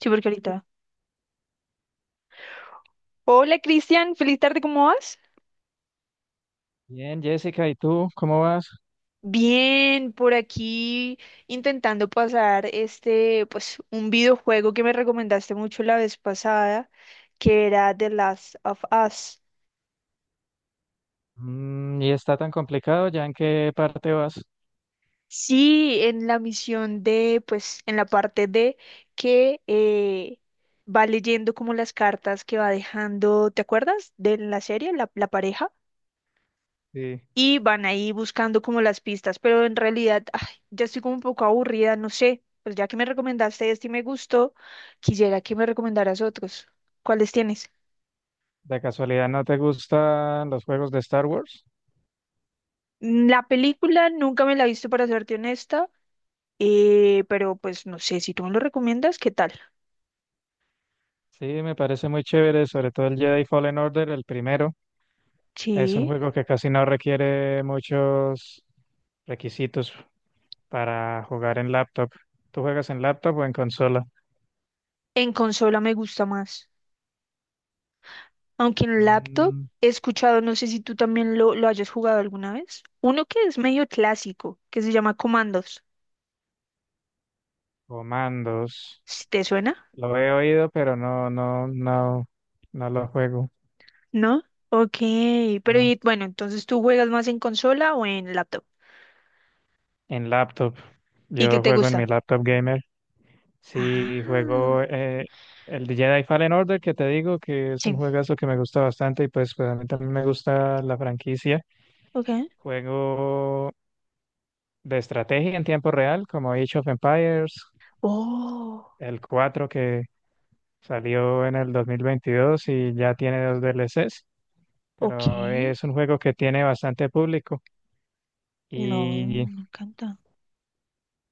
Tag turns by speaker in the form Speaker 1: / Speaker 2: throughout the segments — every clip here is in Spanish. Speaker 1: Sí, porque ahorita. Hola Cristian, feliz tarde, ¿cómo vas?
Speaker 2: Bien, Jessica, ¿y tú cómo vas?
Speaker 1: Bien, por aquí intentando pasar este, pues, un videojuego que me recomendaste mucho la vez pasada, que era The Last of Us.
Speaker 2: Mm, ¿y está tan complicado? ¿Ya en qué parte vas?
Speaker 1: Sí, en la misión de, pues, en la parte de que va leyendo como las cartas que va dejando, ¿te acuerdas? De la serie, la pareja.
Speaker 2: Sí.
Speaker 1: Y van ahí buscando como las pistas, pero en realidad ay, ya estoy como un poco aburrida, no sé, pues ya que me recomendaste este y me gustó, quisiera que me recomendaras otros. ¿Cuáles tienes?
Speaker 2: ¿De casualidad no te gustan los juegos de Star Wars?
Speaker 1: La película nunca me la he visto para serte honesta, pero pues no sé, si tú me lo recomiendas, ¿qué tal?
Speaker 2: Sí, me parece muy chévere, sobre todo el Jedi Fallen Order, el primero. Es un
Speaker 1: Sí,
Speaker 2: juego que casi no requiere muchos requisitos para jugar en laptop. ¿Tú juegas en laptop o en consola?
Speaker 1: en consola me gusta más, aunque en laptop
Speaker 2: Mm,
Speaker 1: he escuchado, no sé si tú también lo hayas jugado alguna vez, uno que es medio clásico, que se llama Commandos
Speaker 2: comandos.
Speaker 1: Comandos. ¿Te suena?
Speaker 2: Lo he oído, pero no, no, no, no lo juego.
Speaker 1: ¿No? Ok, pero
Speaker 2: No.
Speaker 1: y, bueno, entonces tú juegas más en consola o en laptop.
Speaker 2: En laptop.
Speaker 1: ¿Y qué
Speaker 2: Yo
Speaker 1: te
Speaker 2: juego en
Speaker 1: gusta?
Speaker 2: mi laptop gamer.
Speaker 1: Ah,
Speaker 2: Sí, juego el de Jedi Fallen Order, que te digo que es un
Speaker 1: sí,
Speaker 2: juegazo que me gusta bastante y pues, pues a mí también me gusta la franquicia.
Speaker 1: ok.
Speaker 2: Juego de estrategia en tiempo real, como Age of Empires,
Speaker 1: Oh,
Speaker 2: el 4 que salió en el 2022 y ya tiene dos DLCs,
Speaker 1: ok.
Speaker 2: pero es un juego que tiene bastante público.
Speaker 1: No,
Speaker 2: Y
Speaker 1: me encanta.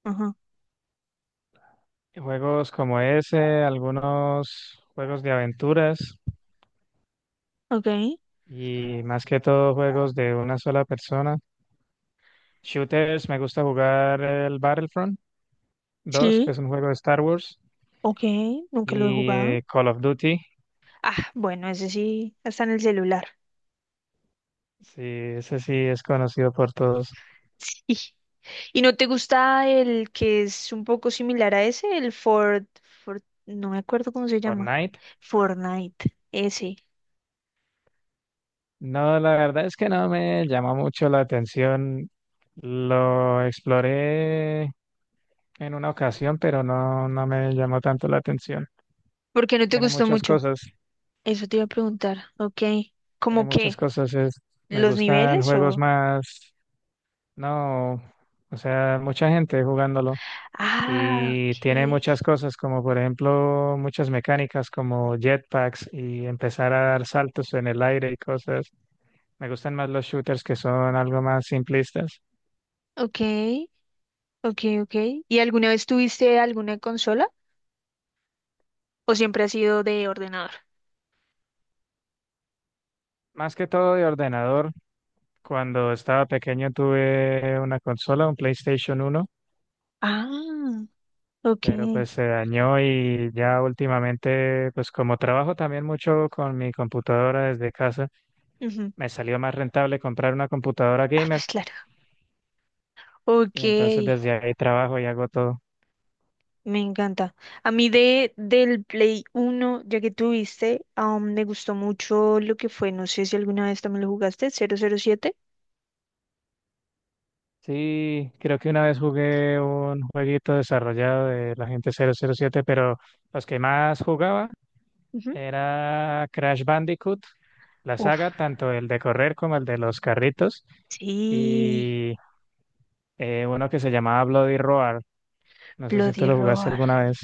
Speaker 1: Ajá,
Speaker 2: juegos como ese, algunos juegos de aventuras.
Speaker 1: ok.
Speaker 2: Y más que todo juegos de una sola persona. Shooters, me gusta jugar el Battlefront dos que
Speaker 1: Sí,
Speaker 2: es un juego de Star Wars,
Speaker 1: ok. Nunca lo he
Speaker 2: y
Speaker 1: jugado.
Speaker 2: Call of Duty,
Speaker 1: Ah, bueno, ese sí, está en el celular.
Speaker 2: sí, ese sí es conocido por todos,
Speaker 1: Sí. ¿Y no te gusta el que es un poco similar a ese? El Ford, Ford, no me acuerdo cómo se llama.
Speaker 2: Fortnite.
Speaker 1: Fortnite, ese.
Speaker 2: No, la verdad es que no me llama mucho la atención. Lo exploré en una ocasión, pero no, no me llamó tanto la atención.
Speaker 1: ¿Por qué no te
Speaker 2: Tiene
Speaker 1: gustó
Speaker 2: muchas
Speaker 1: mucho?
Speaker 2: cosas,
Speaker 1: Eso te iba a preguntar, ok.
Speaker 2: tiene
Speaker 1: ¿Cómo
Speaker 2: muchas
Speaker 1: qué?
Speaker 2: cosas. Me
Speaker 1: ¿Los
Speaker 2: gustan
Speaker 1: niveles
Speaker 2: juegos
Speaker 1: o...?
Speaker 2: más. No, o sea, mucha gente jugándolo
Speaker 1: Ah,
Speaker 2: y tiene muchas
Speaker 1: ok.
Speaker 2: cosas como por ejemplo muchas mecánicas como jetpacks y empezar a dar saltos en el aire y cosas. Me gustan más los shooters que son algo más simplistas.
Speaker 1: Ok, ok, ok. ¿Y alguna vez tuviste alguna consola o siempre has sido de ordenador?
Speaker 2: Más que todo de ordenador, cuando estaba pequeño tuve una consola, un PlayStation uno,
Speaker 1: Ah, ok.
Speaker 2: pero pues se dañó y ya últimamente, pues como trabajo también mucho con mi computadora desde casa,
Speaker 1: Ujú.
Speaker 2: me salió más rentable comprar una computadora
Speaker 1: Ah,
Speaker 2: gamer
Speaker 1: pues claro. Ok,
Speaker 2: y entonces desde ahí trabajo y hago todo.
Speaker 1: me encanta. A mí del Play uno, ya que tuviste, me gustó mucho lo que fue, no sé si alguna vez también lo jugaste, 007.
Speaker 2: Sí, creo que una vez jugué un jueguito desarrollado de la gente 007 pero los que más jugaba
Speaker 1: Ujú.
Speaker 2: era Crash Bandicoot, la
Speaker 1: Uf,
Speaker 2: saga, tanto el de correr como el de los carritos
Speaker 1: sí,
Speaker 2: y uno que se llamaba Bloody Roar. No sé si tú
Speaker 1: Bloody
Speaker 2: lo jugaste
Speaker 1: Roar.
Speaker 2: alguna vez.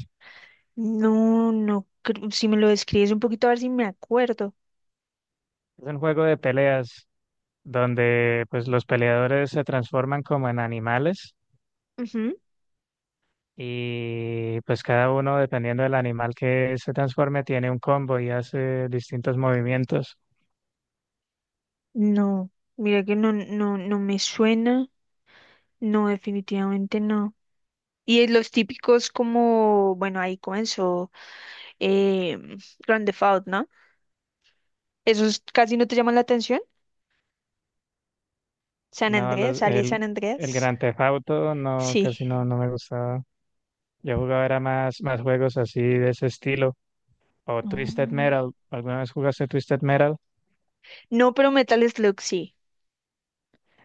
Speaker 1: No, no, si me lo describes un poquito a ver si me acuerdo.
Speaker 2: Es un juego de peleas donde pues los peleadores se transforman como en animales
Speaker 1: Ujú.
Speaker 2: y pues cada uno dependiendo del animal que se transforme tiene un combo y hace distintos movimientos.
Speaker 1: No, mira que no, no, no me suena. No, definitivamente no. Y es los típicos como, bueno, ahí comenzó eh, Grand Theft Auto, ¿no? ¿Esos casi no te llaman la atención? San
Speaker 2: No,
Speaker 1: Andrés,
Speaker 2: los,
Speaker 1: sale
Speaker 2: el,
Speaker 1: San
Speaker 2: el
Speaker 1: Andrés.
Speaker 2: Grand Theft Auto no,
Speaker 1: Sí.
Speaker 2: casi no, no me gustaba. Yo jugaba era más juegos así de ese estilo. O Twisted
Speaker 1: No,
Speaker 2: Metal. ¿Alguna vez jugaste Twisted Metal?
Speaker 1: no, pero Metal Slug sí.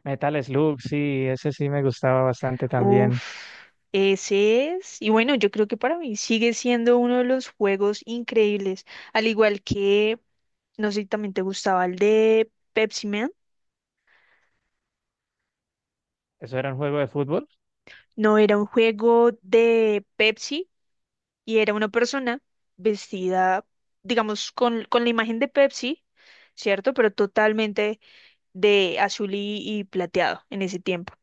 Speaker 2: Metal Slug, sí, ese sí me gustaba bastante también.
Speaker 1: Uf, ese es. Y bueno, yo creo que para mí sigue siendo uno de los juegos increíbles. Al igual que no sé si también te gustaba el de Pepsi Man.
Speaker 2: ¿Eso era un juego de fútbol?
Speaker 1: No, era un juego de Pepsi y era una persona vestida, digamos, con la imagen de Pepsi, ¿cierto? Pero totalmente de azul y plateado en ese tiempo.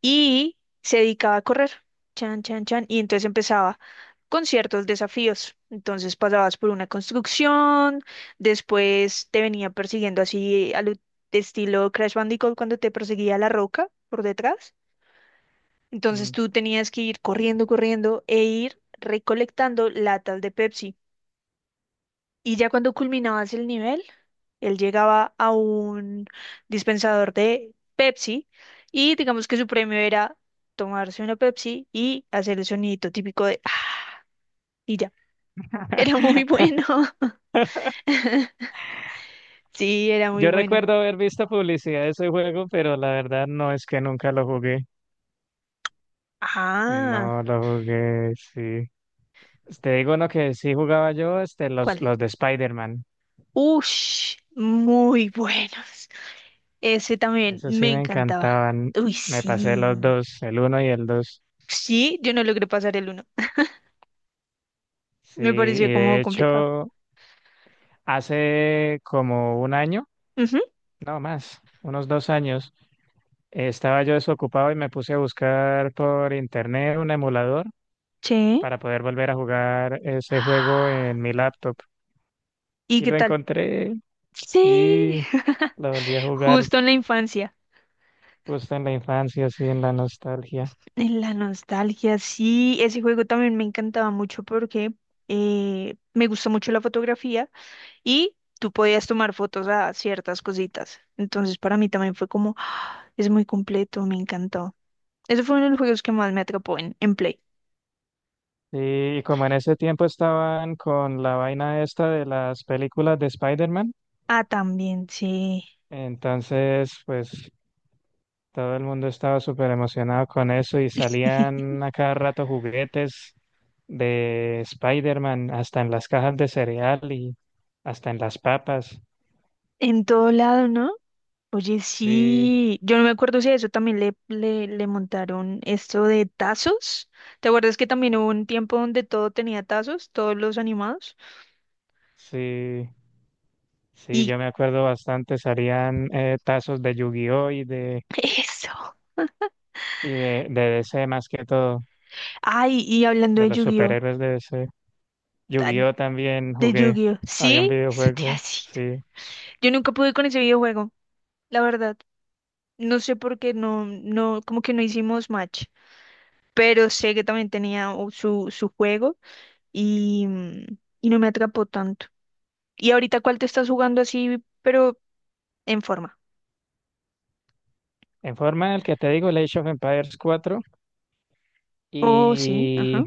Speaker 1: Y se dedicaba a correr, chan, chan, chan, y entonces empezaba con ciertos desafíos. Entonces pasabas por una construcción, después te venía persiguiendo así al estilo Crash Bandicoot cuando te perseguía la roca por detrás. Entonces
Speaker 2: Mm.
Speaker 1: tú tenías que ir corriendo, corriendo e ir recolectando latas de Pepsi. Y ya cuando culminabas el nivel, él llegaba a un dispensador de Pepsi y digamos que su premio era tomarse una Pepsi y hacer el sonidito típico de ah, y ya. Era muy bueno. Sí, era muy
Speaker 2: Yo
Speaker 1: bueno.
Speaker 2: recuerdo haber visto publicidad de ese juego, pero la verdad no es que nunca lo jugué.
Speaker 1: Ah,
Speaker 2: No lo jugué, sí. Te digo uno que sí jugaba yo, este, los,
Speaker 1: ¿cuál?
Speaker 2: los de Spider-Man.
Speaker 1: Ush, muy buenos. Ese también
Speaker 2: Esos sí
Speaker 1: me
Speaker 2: me
Speaker 1: encantaba.
Speaker 2: encantaban.
Speaker 1: Uy,
Speaker 2: Me pasé los
Speaker 1: sí.
Speaker 2: dos, el uno y el dos.
Speaker 1: Sí, yo no logré pasar el uno.
Speaker 2: Sí, y
Speaker 1: Me pareció como
Speaker 2: de
Speaker 1: complicado.
Speaker 2: hecho, hace como un año,
Speaker 1: Ujú,
Speaker 2: no más, unos dos años, estaba yo desocupado y me puse a buscar por internet un emulador
Speaker 1: sí.
Speaker 2: para poder volver a jugar ese juego en mi laptop
Speaker 1: ¿Y
Speaker 2: . Y
Speaker 1: qué
Speaker 2: lo
Speaker 1: tal?
Speaker 2: encontré,
Speaker 1: Sí,
Speaker 2: sí, lo volví a jugar
Speaker 1: justo en la infancia,
Speaker 2: justo en la infancia, así en la nostalgia.
Speaker 1: en la nostalgia, sí, ese juego también me encantaba mucho porque me gusta mucho la fotografía y tú podías tomar fotos a ciertas cositas. Entonces para mí también fue como, "Ah, es muy completo, me encantó." Ese fue uno de los juegos que más me atrapó en Play.
Speaker 2: Sí, y como en ese tiempo estaban con la vaina esta de las películas de Spider-Man,
Speaker 1: Ah, también, sí.
Speaker 2: entonces pues todo el mundo estaba súper emocionado con eso y salían a cada rato juguetes de Spider-Man, hasta en las cajas de cereal y hasta en las papas.
Speaker 1: En todo lado, ¿no? Oye,
Speaker 2: Sí,
Speaker 1: sí, yo no me acuerdo si a eso también le montaron esto de tazos. ¿Te acuerdas que también hubo un tiempo donde todo tenía tazos, todos los animados?
Speaker 2: sí. Sí,
Speaker 1: Y
Speaker 2: yo me acuerdo bastante, salían tazos de Yu-Gi-Oh! y de,
Speaker 1: eso.
Speaker 2: y de, de DC más que todo,
Speaker 1: Ay, y hablando
Speaker 2: de
Speaker 1: de
Speaker 2: los
Speaker 1: Yu-Gi-Oh,
Speaker 2: superhéroes de DC.
Speaker 1: ah,
Speaker 2: Yu-Gi-Oh! También
Speaker 1: de
Speaker 2: jugué,
Speaker 1: Yu-Gi-Oh,
Speaker 2: había un
Speaker 1: sí, eso te iba a
Speaker 2: videojuego,
Speaker 1: decir.
Speaker 2: sí.
Speaker 1: Yo nunca pude con ese videojuego, la verdad. No sé por qué no, no, como que no hicimos match, pero sé que también tenía su juego y no me atrapó tanto. ¿Y ahorita cuál te estás jugando así, pero en forma?
Speaker 2: En forma el que te digo, el Age of Empires 4
Speaker 1: Oh, sí,
Speaker 2: y
Speaker 1: ajá.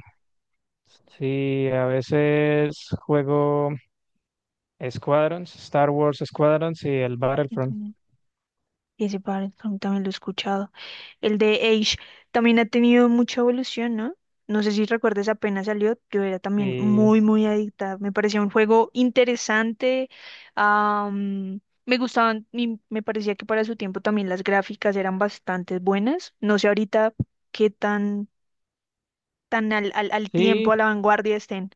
Speaker 2: sí, a veces juego Squadrons, Star Wars Squadrons y el
Speaker 1: Yo
Speaker 2: Battlefront.
Speaker 1: también. Y ese par también lo he escuchado. El de Age también ha tenido mucha evolución, ¿no? No sé si recuerdas, apenas salió, yo era también muy,
Speaker 2: Y
Speaker 1: muy adicta. Me parecía un juego interesante. am, Me gustaban, y me parecía que para su tiempo también las gráficas eran bastante buenas. No sé ahorita qué tan al tiempo, a
Speaker 2: sí,
Speaker 1: la vanguardia estén.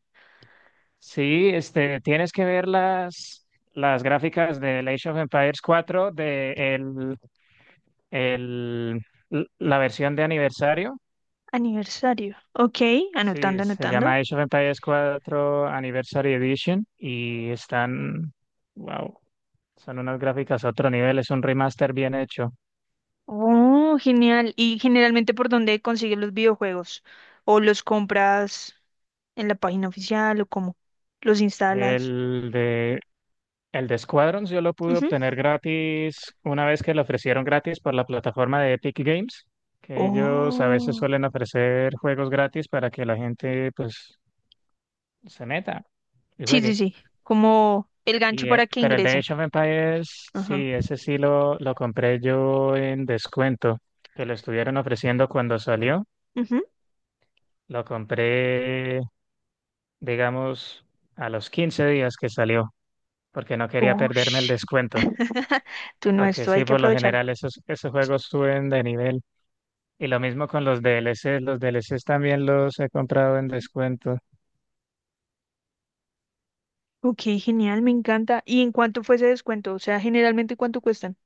Speaker 2: sí, este, tienes que ver las gráficas de Age of Empires 4 de el- la versión de aniversario.
Speaker 1: Aniversario. Ok,
Speaker 2: Sí,
Speaker 1: anotando,
Speaker 2: se
Speaker 1: anotando.
Speaker 2: llama Age of Empires cuatro Anniversary Edition y están, wow, son unas gráficas a otro nivel, es un remaster bien hecho.
Speaker 1: Oh, genial. ¿Y generalmente por dónde consigues los videojuegos? ¿O los compras en la página oficial o cómo? ¿Los instalas?
Speaker 2: El de El de Squadrons yo lo pude
Speaker 1: Ujú.
Speaker 2: obtener gratis una vez que lo ofrecieron gratis por la plataforma de Epic Games, que ellos a veces
Speaker 1: Oh.
Speaker 2: suelen ofrecer juegos gratis para que la gente pues se meta y
Speaker 1: Sí, sí,
Speaker 2: juegue.
Speaker 1: sí. Como el gancho
Speaker 2: Y,
Speaker 1: para que
Speaker 2: pero el de
Speaker 1: ingresen.
Speaker 2: Age of Empires,
Speaker 1: Ajá.
Speaker 2: sí, ese sí lo compré yo en descuento, que lo estuvieron ofreciendo cuando salió.
Speaker 1: Ujú.
Speaker 2: Lo compré, digamos, a los 15 días que salió, porque no quería
Speaker 1: Oh,
Speaker 2: perderme el
Speaker 1: sh-
Speaker 2: descuento.
Speaker 1: Tú no,
Speaker 2: Porque
Speaker 1: esto hay
Speaker 2: sí,
Speaker 1: que
Speaker 2: por lo
Speaker 1: aprovecharlo.
Speaker 2: general esos juegos suben de nivel. Y lo mismo con los DLCs. Los DLCs también los he comprado en descuento.
Speaker 1: Ok, genial, me encanta. ¿Y en cuánto fue ese descuento? O sea, generalmente, ¿cuánto cuestan?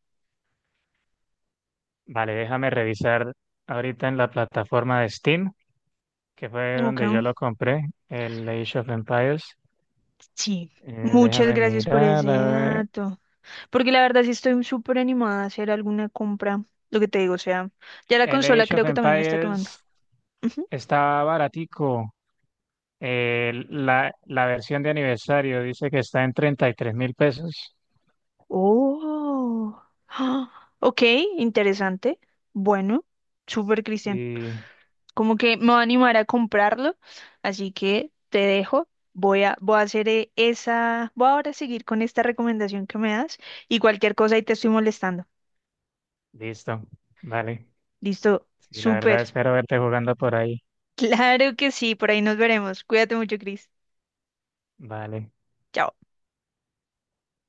Speaker 2: Vale, déjame revisar ahorita en la plataforma de Steam, que fue
Speaker 1: Ok.
Speaker 2: donde yo lo compré, el Age of Empires.
Speaker 1: Sí.
Speaker 2: Eh,
Speaker 1: Muchas
Speaker 2: Déjame
Speaker 1: gracias por
Speaker 2: mirar,
Speaker 1: ese
Speaker 2: a ver.
Speaker 1: dato. Porque la verdad sí estoy súper animada a hacer alguna compra. Lo que te digo, o sea, ya la
Speaker 2: El
Speaker 1: consola
Speaker 2: Age of
Speaker 1: creo que también me está quemando.
Speaker 2: Empires
Speaker 1: Ujú.
Speaker 2: está baratico. La versión de aniversario dice que está en 33 mil pesos.
Speaker 1: Oh. Ah, ok, interesante. Bueno, súper Cristian.
Speaker 2: Y
Speaker 1: Como que me va a animar a comprarlo. Así que te dejo. Voy a hacer esa. Voy ahora a seguir con esta recomendación que me das. Y cualquier cosa ahí te estoy molestando.
Speaker 2: listo, vale.
Speaker 1: Listo.
Speaker 2: Sí, la verdad
Speaker 1: Súper.
Speaker 2: espero verte jugando por ahí.
Speaker 1: Claro que sí. Por ahí nos veremos. Cuídate mucho, Cris.
Speaker 2: Vale.
Speaker 1: Chao.